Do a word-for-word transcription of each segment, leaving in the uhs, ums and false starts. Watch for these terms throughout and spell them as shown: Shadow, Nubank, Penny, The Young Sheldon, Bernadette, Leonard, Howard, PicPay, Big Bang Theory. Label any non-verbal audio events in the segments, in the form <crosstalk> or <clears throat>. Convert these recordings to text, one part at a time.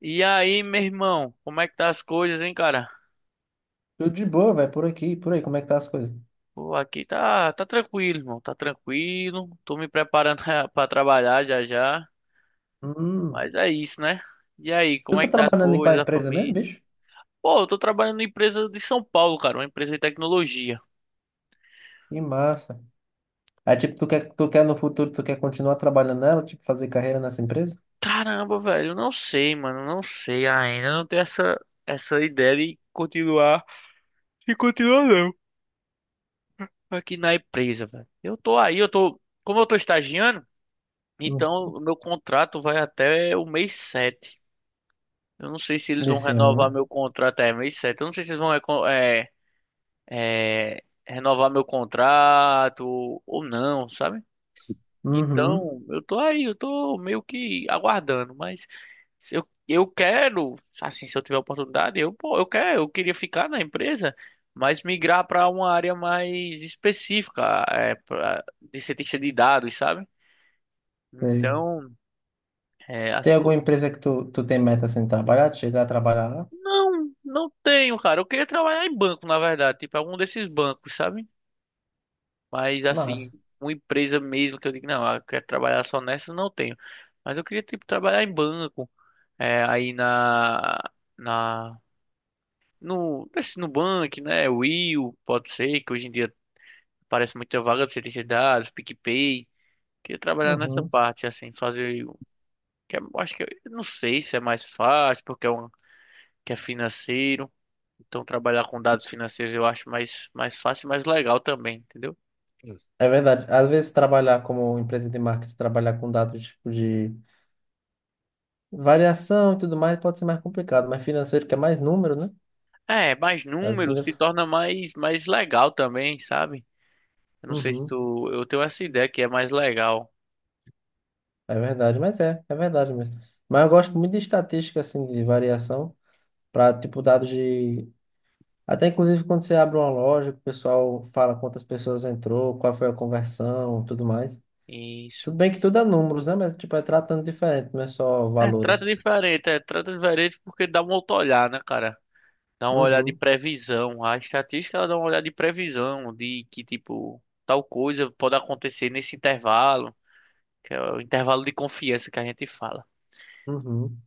E aí, meu irmão, como é que tá as coisas, hein, cara? Tudo de boa, velho, por aqui, por aí, como é que tá as coisas? Pô, aqui tá, tá tranquilo, irmão, tá tranquilo. Tô me preparando <laughs> pra trabalhar já já, Hum. mas é isso, né? E aí, Tu como é tá que tá as trabalhando em qual coisas, a empresa mesmo, família? bicho? Pô, eu tô trabalhando numa empresa de São Paulo, cara, uma empresa de tecnologia. Que massa. Aí, tipo, tu quer, tu quer no futuro, tu quer continuar trabalhando nela, tipo, fazer carreira nessa empresa? Caramba, velho, eu não sei, mano, eu não sei ainda, eu não tenho essa essa ideia de continuar, de continuar não, aqui na empresa, velho. Eu tô aí, eu tô, como eu tô estagiando, Hum. então, o meu contrato vai até o mês sete. Eu não sei se eles vão Desse ano, renovar né? meu contrato. É, mês sete. Eu não sei se eles vão reco- é, é, renovar meu contrato ou não, sabe? Uhum. Então, eu tô aí, eu tô meio que aguardando, mas se eu, eu quero, assim, se eu tiver oportunidade, eu, pô, eu quero, eu queria ficar na empresa, mas migrar para uma área mais específica, é, pra- de cientista de dados, sabe? Sei. Então, é, Tem assim. alguma empresa que tu, tu tem meta assim, de trabalhar, de chegar a trabalhar lá? Não, não tenho, cara. Eu queria trabalhar em banco, na verdade, tipo algum desses bancos, sabe? Mas assim, Massa. uma empresa mesmo que eu digo, não, ah, eu quero trabalhar só nessa, não tenho. Mas eu queria tipo trabalhar em banco, é, aí na na no nesse Nubank, né? Will, pode ser que hoje em dia parece muita vaga de ciência de dados, PicPay. Queria trabalhar nessa Uhum. parte assim, fazer o- que é- eu acho que eu não sei se é mais fácil porque é um que é financeiro. Então, trabalhar com dados financeiros eu acho mais, mais fácil e mais legal também, entendeu? Isso. É verdade. Às vezes, trabalhar como empresa de marketing, trabalhar com dados, tipo, de variação e tudo mais, pode ser mais complicado, mas financeiro, que é mais número, né? É, mais Mas, no fim números da- se torna mais, mais legal também, sabe? Eu não sei se Uhum. tu. Eu tenho essa ideia que é mais legal. É verdade, mas é, é verdade mesmo. Mas eu gosto muito de estatística, assim, de variação, para, tipo, dados de. Até inclusive quando você abre uma loja, que o pessoal fala quantas pessoas entrou, qual foi a conversão, tudo mais. Isso. Tudo bem que tudo é números, né? Mas, tipo, é tratando diferente, não é só É, trata valores. diferente, é, trata diferente porque dá um outro olhar, né, cara? Dá uma olhada de Uhum, previsão. A estatística ela dá uma olhada de previsão, de que, tipo, tal coisa pode acontecer nesse intervalo, que é o intervalo de confiança que a gente fala. uhum.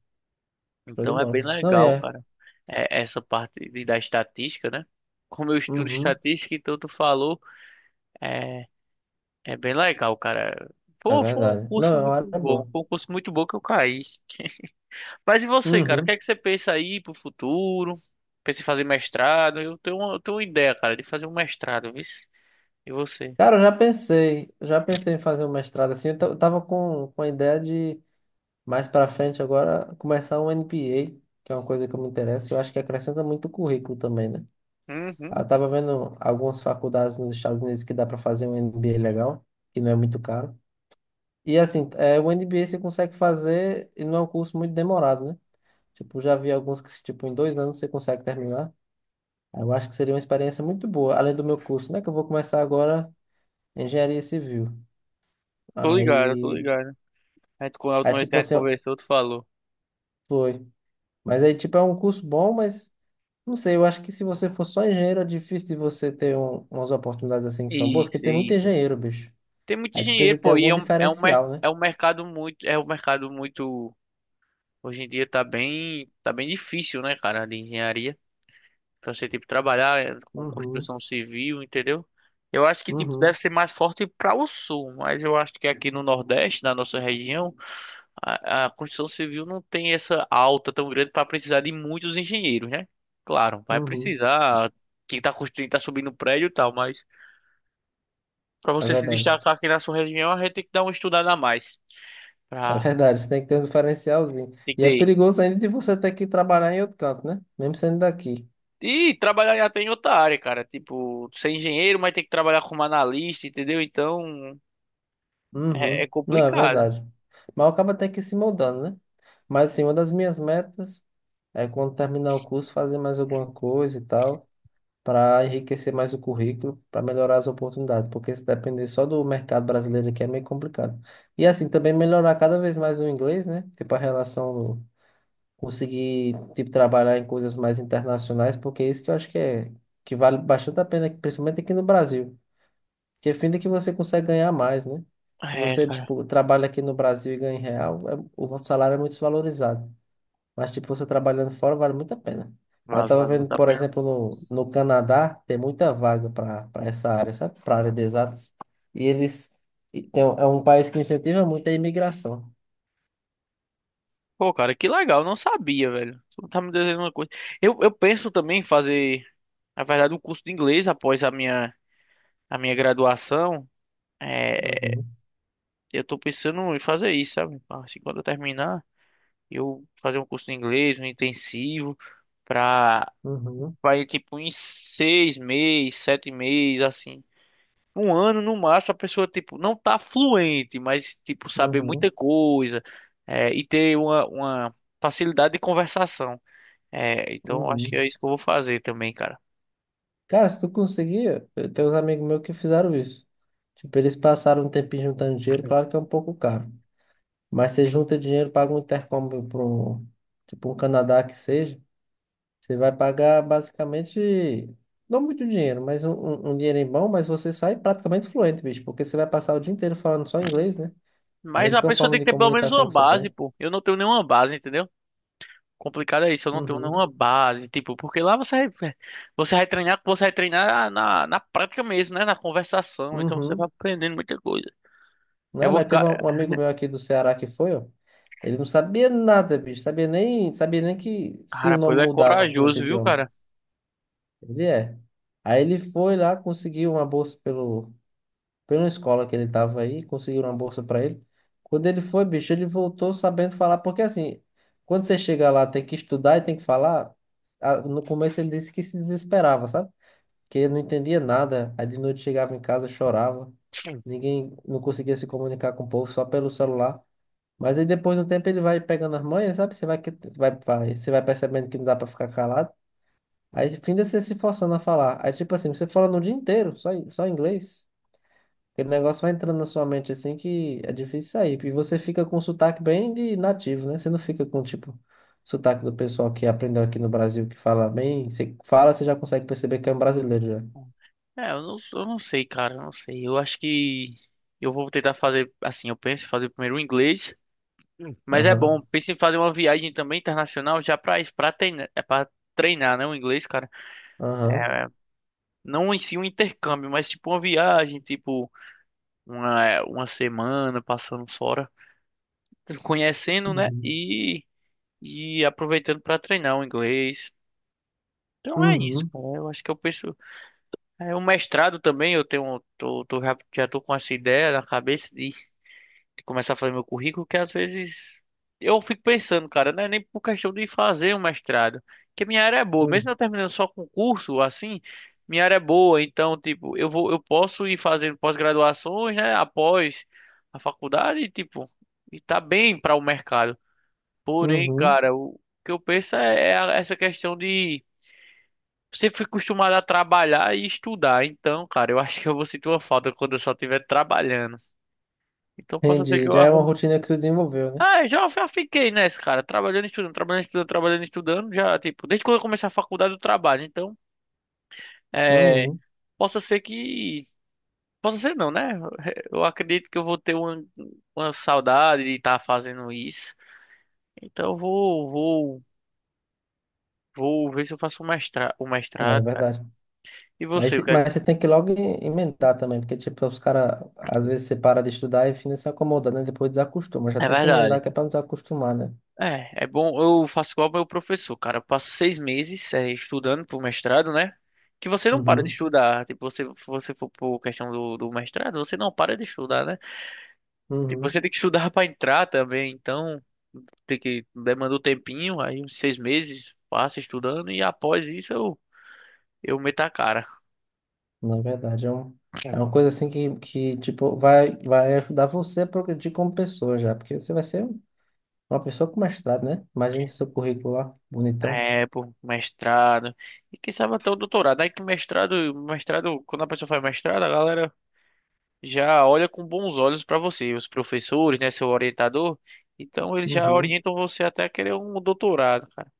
Show de Então é bem bola. Não, e legal, é. cara. É, essa parte de, da estatística, né? Como eu estudo Uhum, estatística, então tu falou, é, é bem legal, cara. é Pô, foi um verdade. Não, curso é uma muito área bom, boa. foi um curso muito bom que eu caí. Mas e você, cara? O que Uhum. é que você pensa aí pro futuro? Pensa em fazer mestrado? Eu tenho uma, eu tenho uma ideia, cara, de fazer um mestrado, viu? E você? Cara, eu já pensei, já pensei em fazer um mestrado assim. Eu ta- eu tava com, com a ideia de mais pra frente agora, começar um M B A, que é uma coisa que eu me interesso, e eu acho que acrescenta muito o currículo também, né? Uhum. Eu tava vendo algumas faculdades nos Estados Unidos que dá para fazer um M B A legal, que não é muito caro. E assim, é, o M B A você consegue fazer e não é um curso muito demorado, né? Tipo, já vi alguns que, tipo, em dois anos você consegue terminar. Eu acho que seria uma experiência muito boa, além do meu curso, né? Que eu vou começar agora engenharia civil. Tô ligado, tô Aí, ligado. A gente, quando a aí última vez que tipo a gente assim, ó, conversou, tu falou. foi. Mas aí, tipo, é um curso bom, mas não sei, eu acho que se você for só engenheiro, é difícil de você ter um- umas oportunidades assim que são boas, porque Isso, tem muito isso. engenheiro, bicho. Tem muito Aí tu precisa dinheiro, ter pô, e algum é um, é um, mer- diferencial, né? é um mercado muito, é um mercado muito. Hoje em dia tá bem, tá bem difícil, né, cara, de engenharia. Pra você, tipo, trabalhar eh, com Uhum, construção civil, entendeu? Eu acho que, tipo, uhum, deve ser mais forte para o sul, mas eu acho que aqui no Nordeste, na nossa região, a, a construção civil não tem essa alta tão grande para precisar de muitos engenheiros, né? Claro, vai uhum. precisar. Quem tá construindo, tá subindo prédio e tal, mas para É você se verdade. destacar aqui na sua região, a gente tem que dar uma estudada a mais. É Pra verdade, você tem que ter um diferencialzinho. E é entender. perigoso ainda de você ter que trabalhar em outro canto, né? Mesmo sendo daqui. E trabalhar até em outra área, cara. Tipo, ser engenheiro, mas tem que trabalhar como analista, entendeu? Então, é, é Uhum. Não, é complicado. verdade. Mas acaba até que se moldando, né? Mas assim, uma das minhas metas é quando terminar o curso, fazer mais alguma coisa e tal. Para enriquecer mais o currículo, para melhorar as oportunidades, porque se depender só do mercado brasileiro aqui é meio complicado. E assim, também melhorar cada vez mais o inglês, né? Tipo, a relação, conseguir, tipo, trabalhar em coisas mais internacionais, porque é isso que eu acho que é, que vale bastante a pena, principalmente aqui no Brasil, que é fim de que você consegue ganhar mais, né? Se É, você, cara. tipo, trabalha aqui no Brasil e ganha em real, é- o salário é muito desvalorizado. Mas, tipo, você trabalhando fora vale muito a pena. Aí eu Vale, tava vale vendo, muito a por pena. exemplo, no, no Canadá, tem muita vaga para para essa área, sabe? Para área de exatas. E eles. E tem, um- é um país que incentiva muito a imigração. Pô, cara, que legal. Não sabia, velho. Tu tá me dizendo uma coisa. Eu, eu penso também em fazer, na verdade, um curso de inglês após a minha, a minha graduação. É, Uhum, eu tô pensando em fazer isso, sabe? Assim, quando eu terminar, eu fazer um curso de inglês, um intensivo, pra, uhum, pra ir, tipo, em seis meses, sete meses, assim. Um ano no máximo a pessoa tipo não tá fluente, mas tipo saber uhum, muita coisa, é, e ter uma, uma facilidade de conversação. É, então eu acho que uhum. é isso que eu vou fazer também, cara. Cara, se tu conseguir, eu tenho uns amigos meus que fizeram isso. Tipo, eles passaram um tempinho juntando dinheiro, claro que é um pouco caro. Mas você junta dinheiro, paga um intercâmbio para um, tipo, um Canadá que seja. Você vai pagar basicamente, não muito dinheiro, mas um, um, um dinheirinho bom, mas você sai praticamente fluente, bicho, porque você vai passar o dia inteiro falando só inglês, né? É a Mas a única pessoa forma tem que de ter pelo menos comunicação uma que você base, tem. pô. Eu não tenho nenhuma base, entendeu? Complicado é isso, eu não tenho Uhum, nenhuma base, tipo, porque lá você vai- é, você vai treinar, você vai treinar na, na prática mesmo, né? Na conversação, então você vai uhum. aprendendo muita coisa. Eu Não, vou mas ficar, teve um, um amigo meu aqui do Ceará que foi, ó. Ele não sabia nada, bicho, sabia nem, sabia nem que se o cara, pô, nome ele é mudava em outro corajoso, viu, idioma. cara? Ele é. Aí ele foi lá, conseguiu uma bolsa pelo pela escola que ele tava aí, conseguiram uma bolsa para ele. Quando ele foi, bicho, ele voltou sabendo falar, porque assim, quando você chega lá, tem que estudar e tem que falar. ah, No começo ele disse que se desesperava, sabe? Que ele não entendia nada. Aí de noite chegava em casa, chorava. Ninguém não conseguia se comunicar com o povo só pelo celular. Mas aí depois de um tempo ele vai pegando as manhas, sabe? Você vai, que- vai, vai, você vai percebendo que não dá para ficar calado. Aí, fim de você se forçando a falar. Aí, tipo assim, você falando o dia inteiro, só, em- só em inglês. Aquele negócio vai entrando na sua mente assim que é difícil sair. E você fica com sotaque bem de nativo, né? Você não fica com, tipo, sotaque do pessoal que aprendeu aqui no Brasil, que fala bem. Você fala, você já consegue perceber que é um brasileiro já. É, eu não, eu não sei, cara, eu não sei. Eu acho que eu vou tentar fazer assim, eu penso em fazer primeiro o inglês. Hum. Mas é bom, Aham, penso em fazer uma viagem também internacional já pra isso, pra treinar, é para treinar, né, o inglês, cara. aham. Não em si um intercâmbio, mas tipo uma viagem, tipo uma, uma semana passando fora, conhecendo, né, Uhum, e e aproveitando pra treinar o inglês. Então é isso, uhum, cara. Eu acho que eu penso. É, o mestrado também, eu tenho, tô, tô, já, já tô com essa ideia na cabeça, começar a fazer meu currículo, que às vezes eu fico pensando, cara, não é nem por questão de fazer um mestrado, que minha área é boa, uhum, mesmo eu terminando só concurso, assim, minha área é boa, então, tipo, eu vou, eu posso ir fazendo pós-graduações, né, após a faculdade, e, tipo, e tá bem para o mercado. Porém, uhum. cara, o que eu penso é, é a- essa questão de. Você foi acostumado a trabalhar e estudar, então, cara, eu acho que eu vou sentir uma falta quando eu só estiver trabalhando. Então, possa ser que Entendi. eu Já é uma arrume. rotina que tu desenvolveu, né? Ah, eu já, já fiquei nessa, cara. Trabalhando, estudando, trabalhando, estudando, trabalhando, estudando. Já, tipo, desde quando eu comecei a faculdade eu trabalho. Então, é, Uhum. possa ser que. Possa ser não, né? Eu acredito que eu vou ter uma, uma saudade de estar fazendo isso. Então, eu vou, vou, vou ver se eu faço o mestrado, o É mestrado, cara. verdade. E Mas, você, o se- que é? que- mas você tem que logo em- emendar também, porque, tipo, os caras, às vezes você para de estudar e fica se acomoda, né? Depois desacostuma. Já É tem que emendar verdade. que é pra não desacostumar, né? É, é bom. Eu faço igual meu professor, cara. Eu passo seis meses é, estudando pro mestrado, né? Que você não para de Uhum. estudar. Tipo, você, se você for por questão do, do mestrado, você não para de estudar, né? Tipo, Uhum. você tem que estudar pra entrar também. Então, tem que demanda um tempinho, aí uns seis meses passa estudando e após isso eu, eu meto a cara. Na verdade, é, um, é uma coisa assim que, que, tipo, vai, vai ajudar você a progredir como pessoa já, porque você vai ser uma pessoa com mestrado, né? Imagina seu currículo lá, bonitão. É, pô, mestrado. E quem sabe até o doutorado. Aí que mestrado, mestrado, quando a pessoa faz mestrado, a galera já olha com bons olhos para você, os professores, né, seu orientador. Então eles já Uhum. orientam você até querer um doutorado, cara.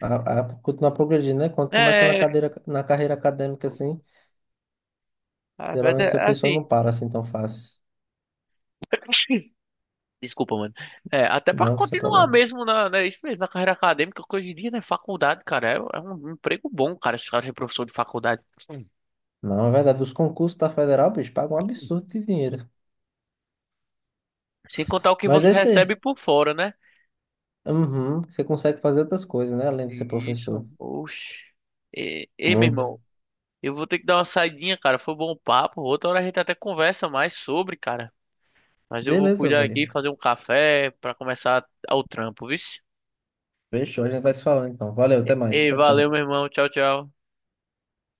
A, a, continuar progredindo, né? Quando começa na É, cadeira, na carreira acadêmica, assim, ah, mas geralmente é a pessoa não assim. para assim tão fácil. <clears throat> Desculpa, mano. É, até pra Não, isso é continuar problema. mesmo na, né, isso mesmo, na carreira acadêmica, que hoje em dia, né, faculdade, cara, é, é um emprego bom, cara, se cara é professor de faculdade. Sim. Não, é verdade. Os concursos da federal, bicho, pagam um absurdo de dinheiro. Sem contar o que Mas você é isso recebe aí. por fora, né? Uhum, você consegue fazer outras coisas, né? Além de ser professor. Isso, oxe. Ei, ei, meu Muito. irmão, eu vou ter que dar uma saidinha, cara, foi bom o papo, outra hora a gente até conversa mais sobre, cara. Mas eu vou Beleza, cuidar aqui, velho. fazer um café pra começar o trampo, viu? Fechou, a gente vai se falando então. Valeu, até mais. Ei, Tchau, valeu, tchau. meu irmão. Tchau, tchau.